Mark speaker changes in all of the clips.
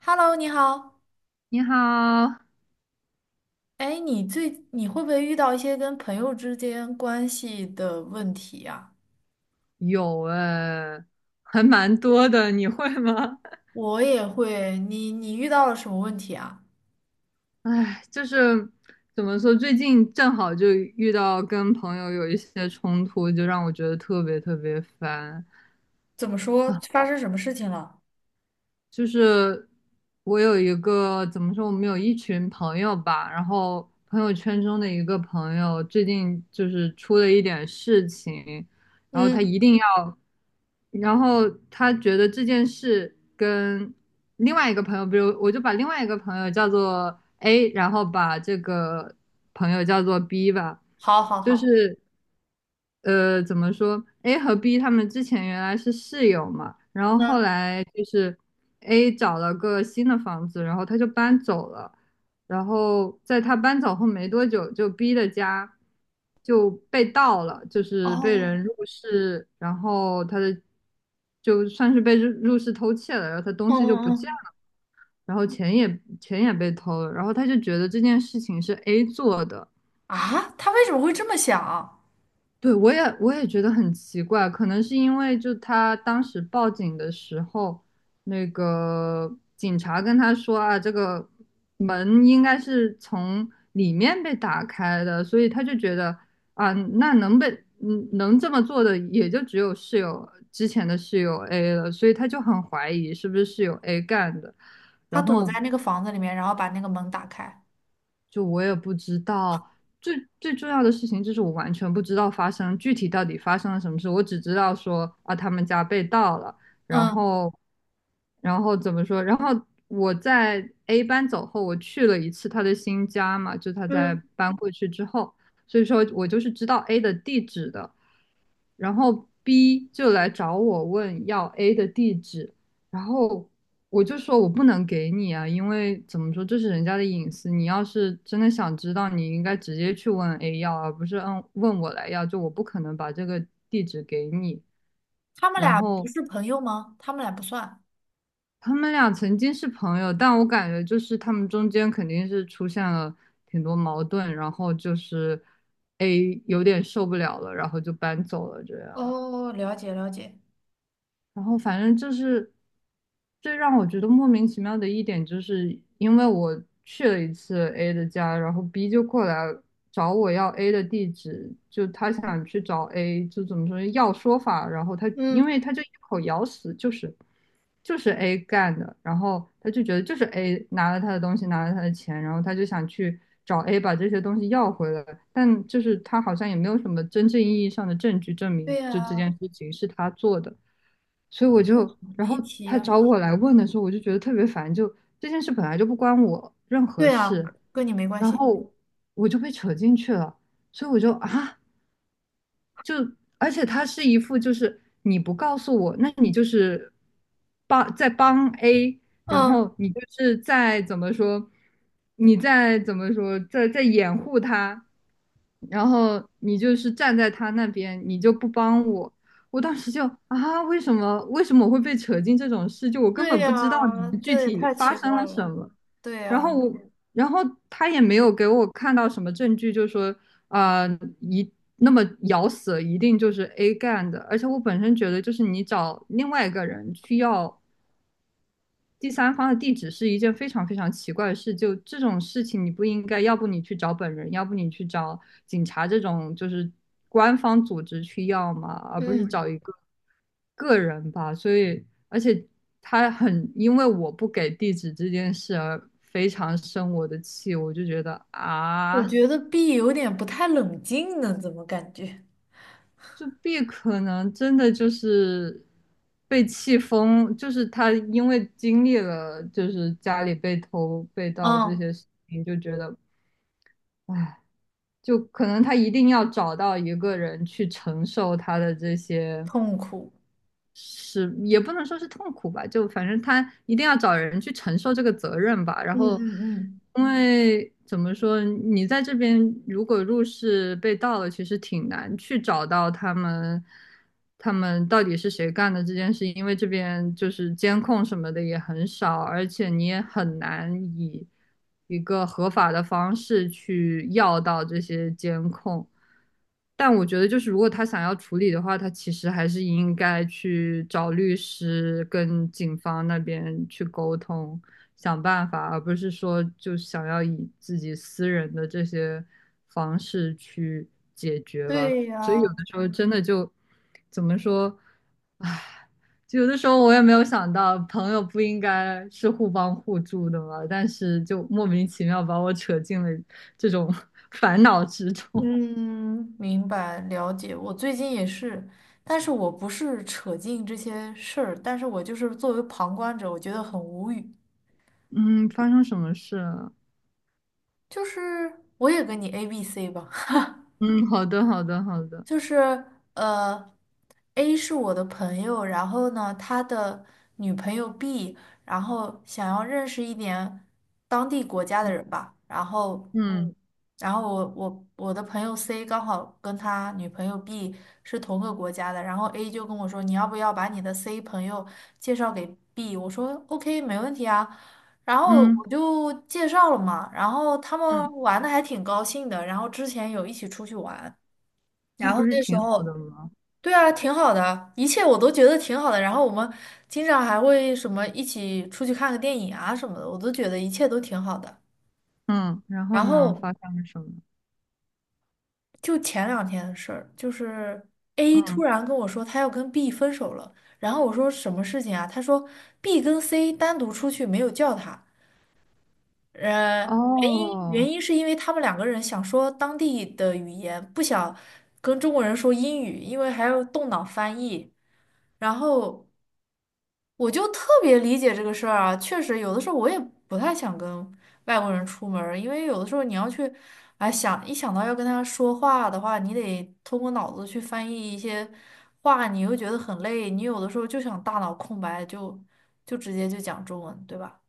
Speaker 1: Hello，你好。
Speaker 2: 你好。
Speaker 1: 哎，你会不会遇到一些跟朋友之间关系的问题呀？
Speaker 2: 有哎，还蛮多的，你会吗？
Speaker 1: 我也会。你遇到了什么问题啊？
Speaker 2: 哎，就是怎么说，最近正好就遇到跟朋友有一些冲突，就让我觉得特别特别烦。
Speaker 1: 怎么说？发生什么事情了？
Speaker 2: 就是我有一个怎么说，我们有一群朋友吧，然后朋友圈中的一个朋友最近就是出了一点事情，然后他一
Speaker 1: 嗯，
Speaker 2: 定要，然后他觉得这件事跟另外一个朋友，比如我就把另外一个朋友叫做 A，然后把这个朋友叫做 B 吧。
Speaker 1: 好，好，
Speaker 2: 就
Speaker 1: 好。
Speaker 2: 是怎么说？A 和 B 他们之前原来是室友嘛，然后后
Speaker 1: 嗯，
Speaker 2: 来就是 A 找了个新的房子，然后他就搬走了。然后在他搬走后没多久，就 B 的家就被盗了，就是被人
Speaker 1: 哦，
Speaker 2: 入室，然后他的就算是被入室偷窃了，然后他东
Speaker 1: 嗯
Speaker 2: 西就不
Speaker 1: 嗯
Speaker 2: 见
Speaker 1: 嗯，
Speaker 2: 了，然后钱也被偷了，然后他就觉得这件事情是 A 做的。
Speaker 1: 啊，他为什么会这么想？
Speaker 2: 对，我也觉得很奇怪，可能是因为就他当时报警的时候，那个警察跟他说啊，这个门应该是从里面被打开的，所以他就觉得啊，那能被嗯能这么做的也就只有之前的室友 A 了，所以他就很怀疑是不是室友 A 干的。
Speaker 1: 他
Speaker 2: 然
Speaker 1: 躲在
Speaker 2: 后
Speaker 1: 那个房子里面，然后把那个门打开。
Speaker 2: 就我也不知道。最最重要的事情就是我完全不知道具体到底发生了什么事，我只知道说啊他们家被盗了。然
Speaker 1: 嗯，
Speaker 2: 后然后怎么说？然后我在 A 班走后，我去了一次他的新家嘛，就他在
Speaker 1: 嗯，
Speaker 2: 搬过去之后，所以说我就是知道 A 的地址的。然后 B 就来找我问要 A 的地址，然后我就说我不能给你啊，因为怎么说这是人家的隐私，你要是真的想知道，你应该直接去问 A 要，而不是问我来要，就我不可能把这个地址给你。
Speaker 1: 他们
Speaker 2: 然
Speaker 1: 俩不
Speaker 2: 后
Speaker 1: 是朋友吗？他们俩不算。
Speaker 2: 他们俩曾经是朋友，但我感觉就是他们中间肯定是出现了挺多矛盾，然后就是 A 有点受不了了，然后就搬走了这样。
Speaker 1: 哦，了解了解。
Speaker 2: 然后反正就是最让我觉得莫名其妙的一点，就是因为我去了一次 A 的家，然后 B 就过来找我要 A 的地址，就他想去找 A,就怎么说要说法，然后他因
Speaker 1: 嗯，
Speaker 2: 为他就一口咬死就是 A 干的，然后他就觉得就是 A 拿了他的东西，拿了他的钱，然后他就想去找 A 把这些东西要回来，但就是他好像也没有什么真正意义上的证据证
Speaker 1: 对
Speaker 2: 明就这
Speaker 1: 呀，
Speaker 2: 件事情是他做的。所以我就，然后
Speaker 1: 离奇
Speaker 2: 他
Speaker 1: 呀。
Speaker 2: 找我来问的时候，我就觉得特别烦，就这件事本来就不关我任何
Speaker 1: 对呀，
Speaker 2: 事，
Speaker 1: 跟你没关
Speaker 2: 然
Speaker 1: 系。
Speaker 2: 后我就被扯进去了，所以我就啊，就而且他是一副就是你不告诉我，那你就是在帮 A,然
Speaker 1: 嗯，
Speaker 2: 后你就是在怎么说，你在怎么说，在掩护他，然后你就是站在他那边，你就不帮我。我当时就啊，为什么我会被扯进这种事？就我根
Speaker 1: 对
Speaker 2: 本不知道你
Speaker 1: 呀，
Speaker 2: 们具
Speaker 1: 这也
Speaker 2: 体
Speaker 1: 太
Speaker 2: 发
Speaker 1: 奇
Speaker 2: 生
Speaker 1: 怪
Speaker 2: 了什
Speaker 1: 了。
Speaker 2: 么。
Speaker 1: 对
Speaker 2: 然后
Speaker 1: 呀，
Speaker 2: 我，然后他也没有给我看到什么证据，就说呃，一那么咬死一定就是 A 干的。而且我本身觉得，就是你找另外一个人去要第三方的地址是一件非常非常奇怪的事。就这种事情，你不应该，要不你去找本人，要不你去找警察这种就是官方组织去要嘛，而不是
Speaker 1: 嗯，
Speaker 2: 找一个个人吧。所以，而且他很因为我不给地址这件事而非常生我的气，我就觉得
Speaker 1: 我
Speaker 2: 啊。
Speaker 1: 觉得 B 有点不太冷静呢，怎么感觉？
Speaker 2: 就 B 可能真的就是被气疯，就是他因为经历了就是家里被偷被盗这
Speaker 1: 嗯，
Speaker 2: 些事情，就觉得，唉，就可能他一定要找到一个人去承受他的这些，
Speaker 1: 痛苦。
Speaker 2: 是也不能说是痛苦吧，就反正他一定要找人去承受这个责任吧。然
Speaker 1: 嗯
Speaker 2: 后，
Speaker 1: 嗯嗯，
Speaker 2: 因为怎么说，你在这边如果入室被盗了，其实挺难去找到他们，他们到底是谁干的这件事，因为这边就是监控什么的也很少，而且你也很难以一个合法的方式去要到这些监控。但我觉得，就是如果他想要处理的话，他其实还是应该去找律师跟警方那边去沟通，想办法，而不是说就想要以自己私人的这些方式去解决吧。
Speaker 1: 对
Speaker 2: 所以
Speaker 1: 呀，
Speaker 2: 有的时候真的就怎么说，就有的时候我也没有想到，朋友不应该是互帮互助的嘛，但是就莫名其妙把我扯进了这种 烦恼之中。
Speaker 1: 嗯，明白了解。我最近也是，但是我不是扯进这些事儿，但是我就是作为旁观者，我觉得很无语。
Speaker 2: 嗯，发生什么事了？
Speaker 1: 就是我也跟你 A B C 吧。
Speaker 2: 嗯，好的，好的，好的。
Speaker 1: 就是呃，A 是我的朋友，然后呢，他的女朋友 B，然后想要认识一点当地国家的
Speaker 2: 嗯
Speaker 1: 人吧，然后，
Speaker 2: 嗯
Speaker 1: 然后我的朋友 C 刚好跟他女朋友 B 是同个国家的，然后 A 就跟我说，你要不要把你的 C 朋友介绍给 B？我说 OK，没问题啊。然后
Speaker 2: 嗯。嗯
Speaker 1: 我就介绍了嘛，然后他
Speaker 2: 嗯，
Speaker 1: 们玩的还挺高兴的，然后之前有一起出去玩。
Speaker 2: 那
Speaker 1: 然
Speaker 2: 不
Speaker 1: 后
Speaker 2: 是
Speaker 1: 那时
Speaker 2: 挺好的
Speaker 1: 候，
Speaker 2: 吗？
Speaker 1: 对啊，挺好的，一切我都觉得挺好的。然后我们经常还会什么一起出去看个电影啊什么的，我都觉得一切都挺好的。
Speaker 2: 嗯，然后
Speaker 1: 然
Speaker 2: 呢，
Speaker 1: 后
Speaker 2: 发生了什么？
Speaker 1: 就前两天的事儿，就是 A 突
Speaker 2: 嗯。
Speaker 1: 然跟我说他要跟 B 分手了，然后我说什么事情啊？他说 B 跟 C 单独出去没有叫他，呃，原因原
Speaker 2: 哦，
Speaker 1: 因是因为他们两个人想说当地的语言，不想跟中国人说英语，因为还要动脑翻译。然后我就特别理解这个事儿啊，确实有的时候我也不太想跟外国人出门儿，因为有的时候你要去，哎，想到要跟他说话的话，你得通过脑子去翻译一些话，你又觉得很累，你有的时候就想大脑空白，就直接就讲中文，对吧？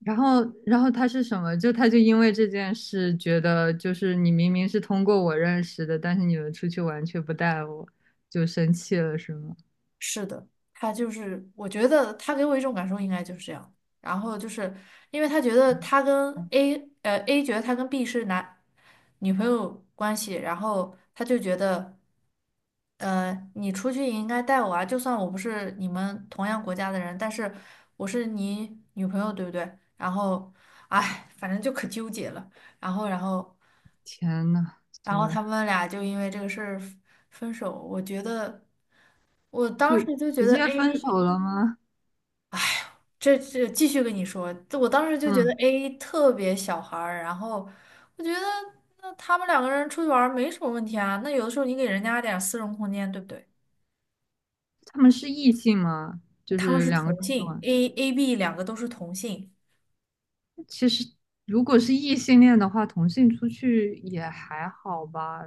Speaker 2: 然后，然后他是什么？就他就因为这件事，觉得就是你明明是通过我认识的，但是你们出去玩却不带我，就生气了，是吗？
Speaker 1: 是的，他就是，我觉得他给我一种感受应该就是这样，然后就是因为他觉得他跟
Speaker 2: 啊，
Speaker 1: A，A 觉得他跟 B 是男女朋友关系，然后他就觉得。你出去也应该带我啊，就算我不是你们同样国家的人，但是我是你女朋友，对不对？然后，哎，反正就可纠结了。然后，然后，
Speaker 2: 天呐，
Speaker 1: 然
Speaker 2: 真
Speaker 1: 后
Speaker 2: 的
Speaker 1: 他们俩就因为这个事儿分手。我
Speaker 2: 就
Speaker 1: 当时就觉
Speaker 2: 直
Speaker 1: 得
Speaker 2: 接分
Speaker 1: A，
Speaker 2: 手了吗？
Speaker 1: 这继续跟你说，我当时就觉得
Speaker 2: 嗯，
Speaker 1: A 特别小孩儿。然后我觉得，那他们两个人出去玩儿没什么问题啊。那有的时候你给人家点儿私人空间，对不对？
Speaker 2: 他们是异性吗？就
Speaker 1: 他们
Speaker 2: 是
Speaker 1: 是
Speaker 2: 两个
Speaker 1: 同
Speaker 2: 出去
Speaker 1: 性
Speaker 2: 玩。
Speaker 1: ，A B 两个都是同性，
Speaker 2: 其实如果是异性恋的话，同性出去也还好吧，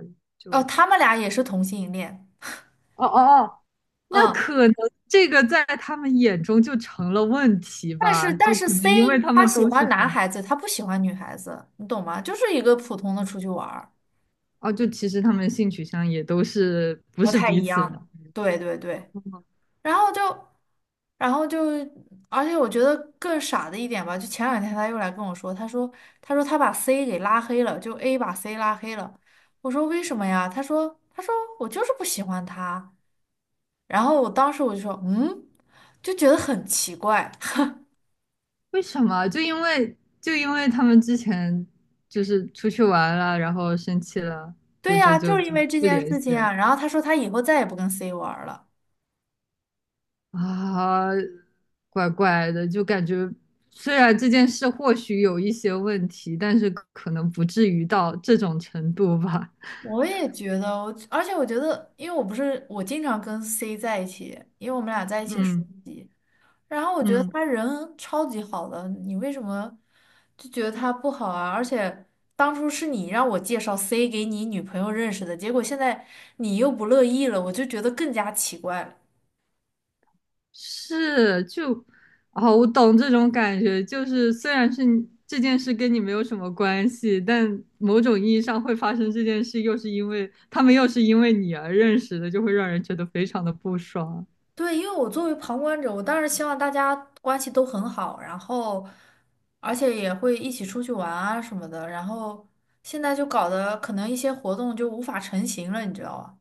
Speaker 1: 哦，
Speaker 2: 就
Speaker 1: 他们俩也是同性恋，
Speaker 2: 哦哦哦，那
Speaker 1: 嗯，
Speaker 2: 可能这个在他们眼中就成了问题
Speaker 1: 但
Speaker 2: 吧，
Speaker 1: 是但
Speaker 2: 就
Speaker 1: 是
Speaker 2: 可能
Speaker 1: C
Speaker 2: 因为他
Speaker 1: 他
Speaker 2: 们
Speaker 1: 喜
Speaker 2: 都是
Speaker 1: 欢男
Speaker 2: 同，
Speaker 1: 孩子，他不喜欢女孩子，你懂吗？就是一个普通的出去玩儿，
Speaker 2: 哦，就其实他们性取向也都是不
Speaker 1: 不
Speaker 2: 是
Speaker 1: 太
Speaker 2: 彼
Speaker 1: 一
Speaker 2: 此
Speaker 1: 样
Speaker 2: 的。
Speaker 1: 的，对对对，然后就然后就，而且我觉得更傻的一点吧，就前两天他又来跟我说，他说他把 C 给拉黑了，就 A 把 C 拉黑了，我说为什么呀？他说我就是不喜欢他。然后我当时我就说，嗯，就觉得很奇怪。
Speaker 2: 为什么？就因为就因为他们之前就是出去玩了，然后生气了，
Speaker 1: 对
Speaker 2: 就就
Speaker 1: 呀，就
Speaker 2: 就
Speaker 1: 是因
Speaker 2: 就
Speaker 1: 为这
Speaker 2: 不
Speaker 1: 件
Speaker 2: 联
Speaker 1: 事
Speaker 2: 系
Speaker 1: 情
Speaker 2: 了。
Speaker 1: 啊。然后他说他以后再也不跟 C 玩儿了。
Speaker 2: 啊，怪怪的，就感觉虽然这件事或许有一些问题，但是可能不至于到这种程度吧。
Speaker 1: 我也觉得，而且我觉得，因为我不是我经常跟 C 在一起，因为我们俩在一起实
Speaker 2: 嗯
Speaker 1: 习。然后我觉得
Speaker 2: 嗯，
Speaker 1: 他人超级好的，你为什么就觉得他不好啊？而且当初是你让我介绍 C 给你女朋友认识的，结果现在你又不乐意了，我就觉得更加奇怪了。
Speaker 2: 是，就，啊，我懂这种感觉，就是虽然是你这件事跟你没有什么关系，但某种意义上会发生这件事，又是因为他们又是因为你而认识的，就会让人觉得非常的不爽。
Speaker 1: 对，因为我作为旁观者，我当然希望大家关系都很好，然后而且也会一起出去玩啊什么的，然后现在就搞得可能一些活动就无法成型了，你知道吧？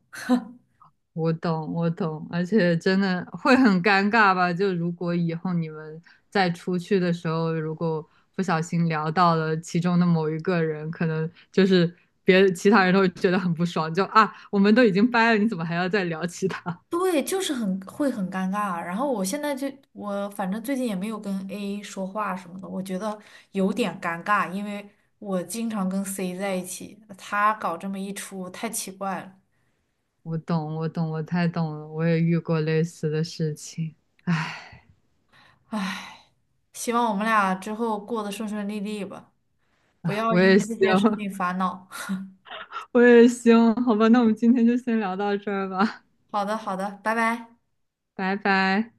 Speaker 2: 我懂，我懂，而且真的会很尴尬吧？就如果以后你们再出去的时候，如果不小心聊到了其中的某一个人，可能就是别其他人都会觉得很不爽，就啊，我们都已经掰了，你怎么还要再聊其他？
Speaker 1: 对，就是很会很尴尬。然后我现在就我反正最近也没有跟 A 说话什么的，我觉得有点尴尬，因为我经常跟 C 在一起，他搞这么一出太奇怪了，
Speaker 2: 我懂，我懂，我太懂了，我也遇过类似的事情。哎，
Speaker 1: 唉，希望我们俩之后过得顺顺利利吧。不要
Speaker 2: 我
Speaker 1: 因
Speaker 2: 也
Speaker 1: 为这
Speaker 2: 希
Speaker 1: 些
Speaker 2: 望，
Speaker 1: 事情烦恼。
Speaker 2: 我也希望，好吧，那我们今天就先聊到这儿吧，
Speaker 1: 好的，好的，拜拜。
Speaker 2: 拜拜。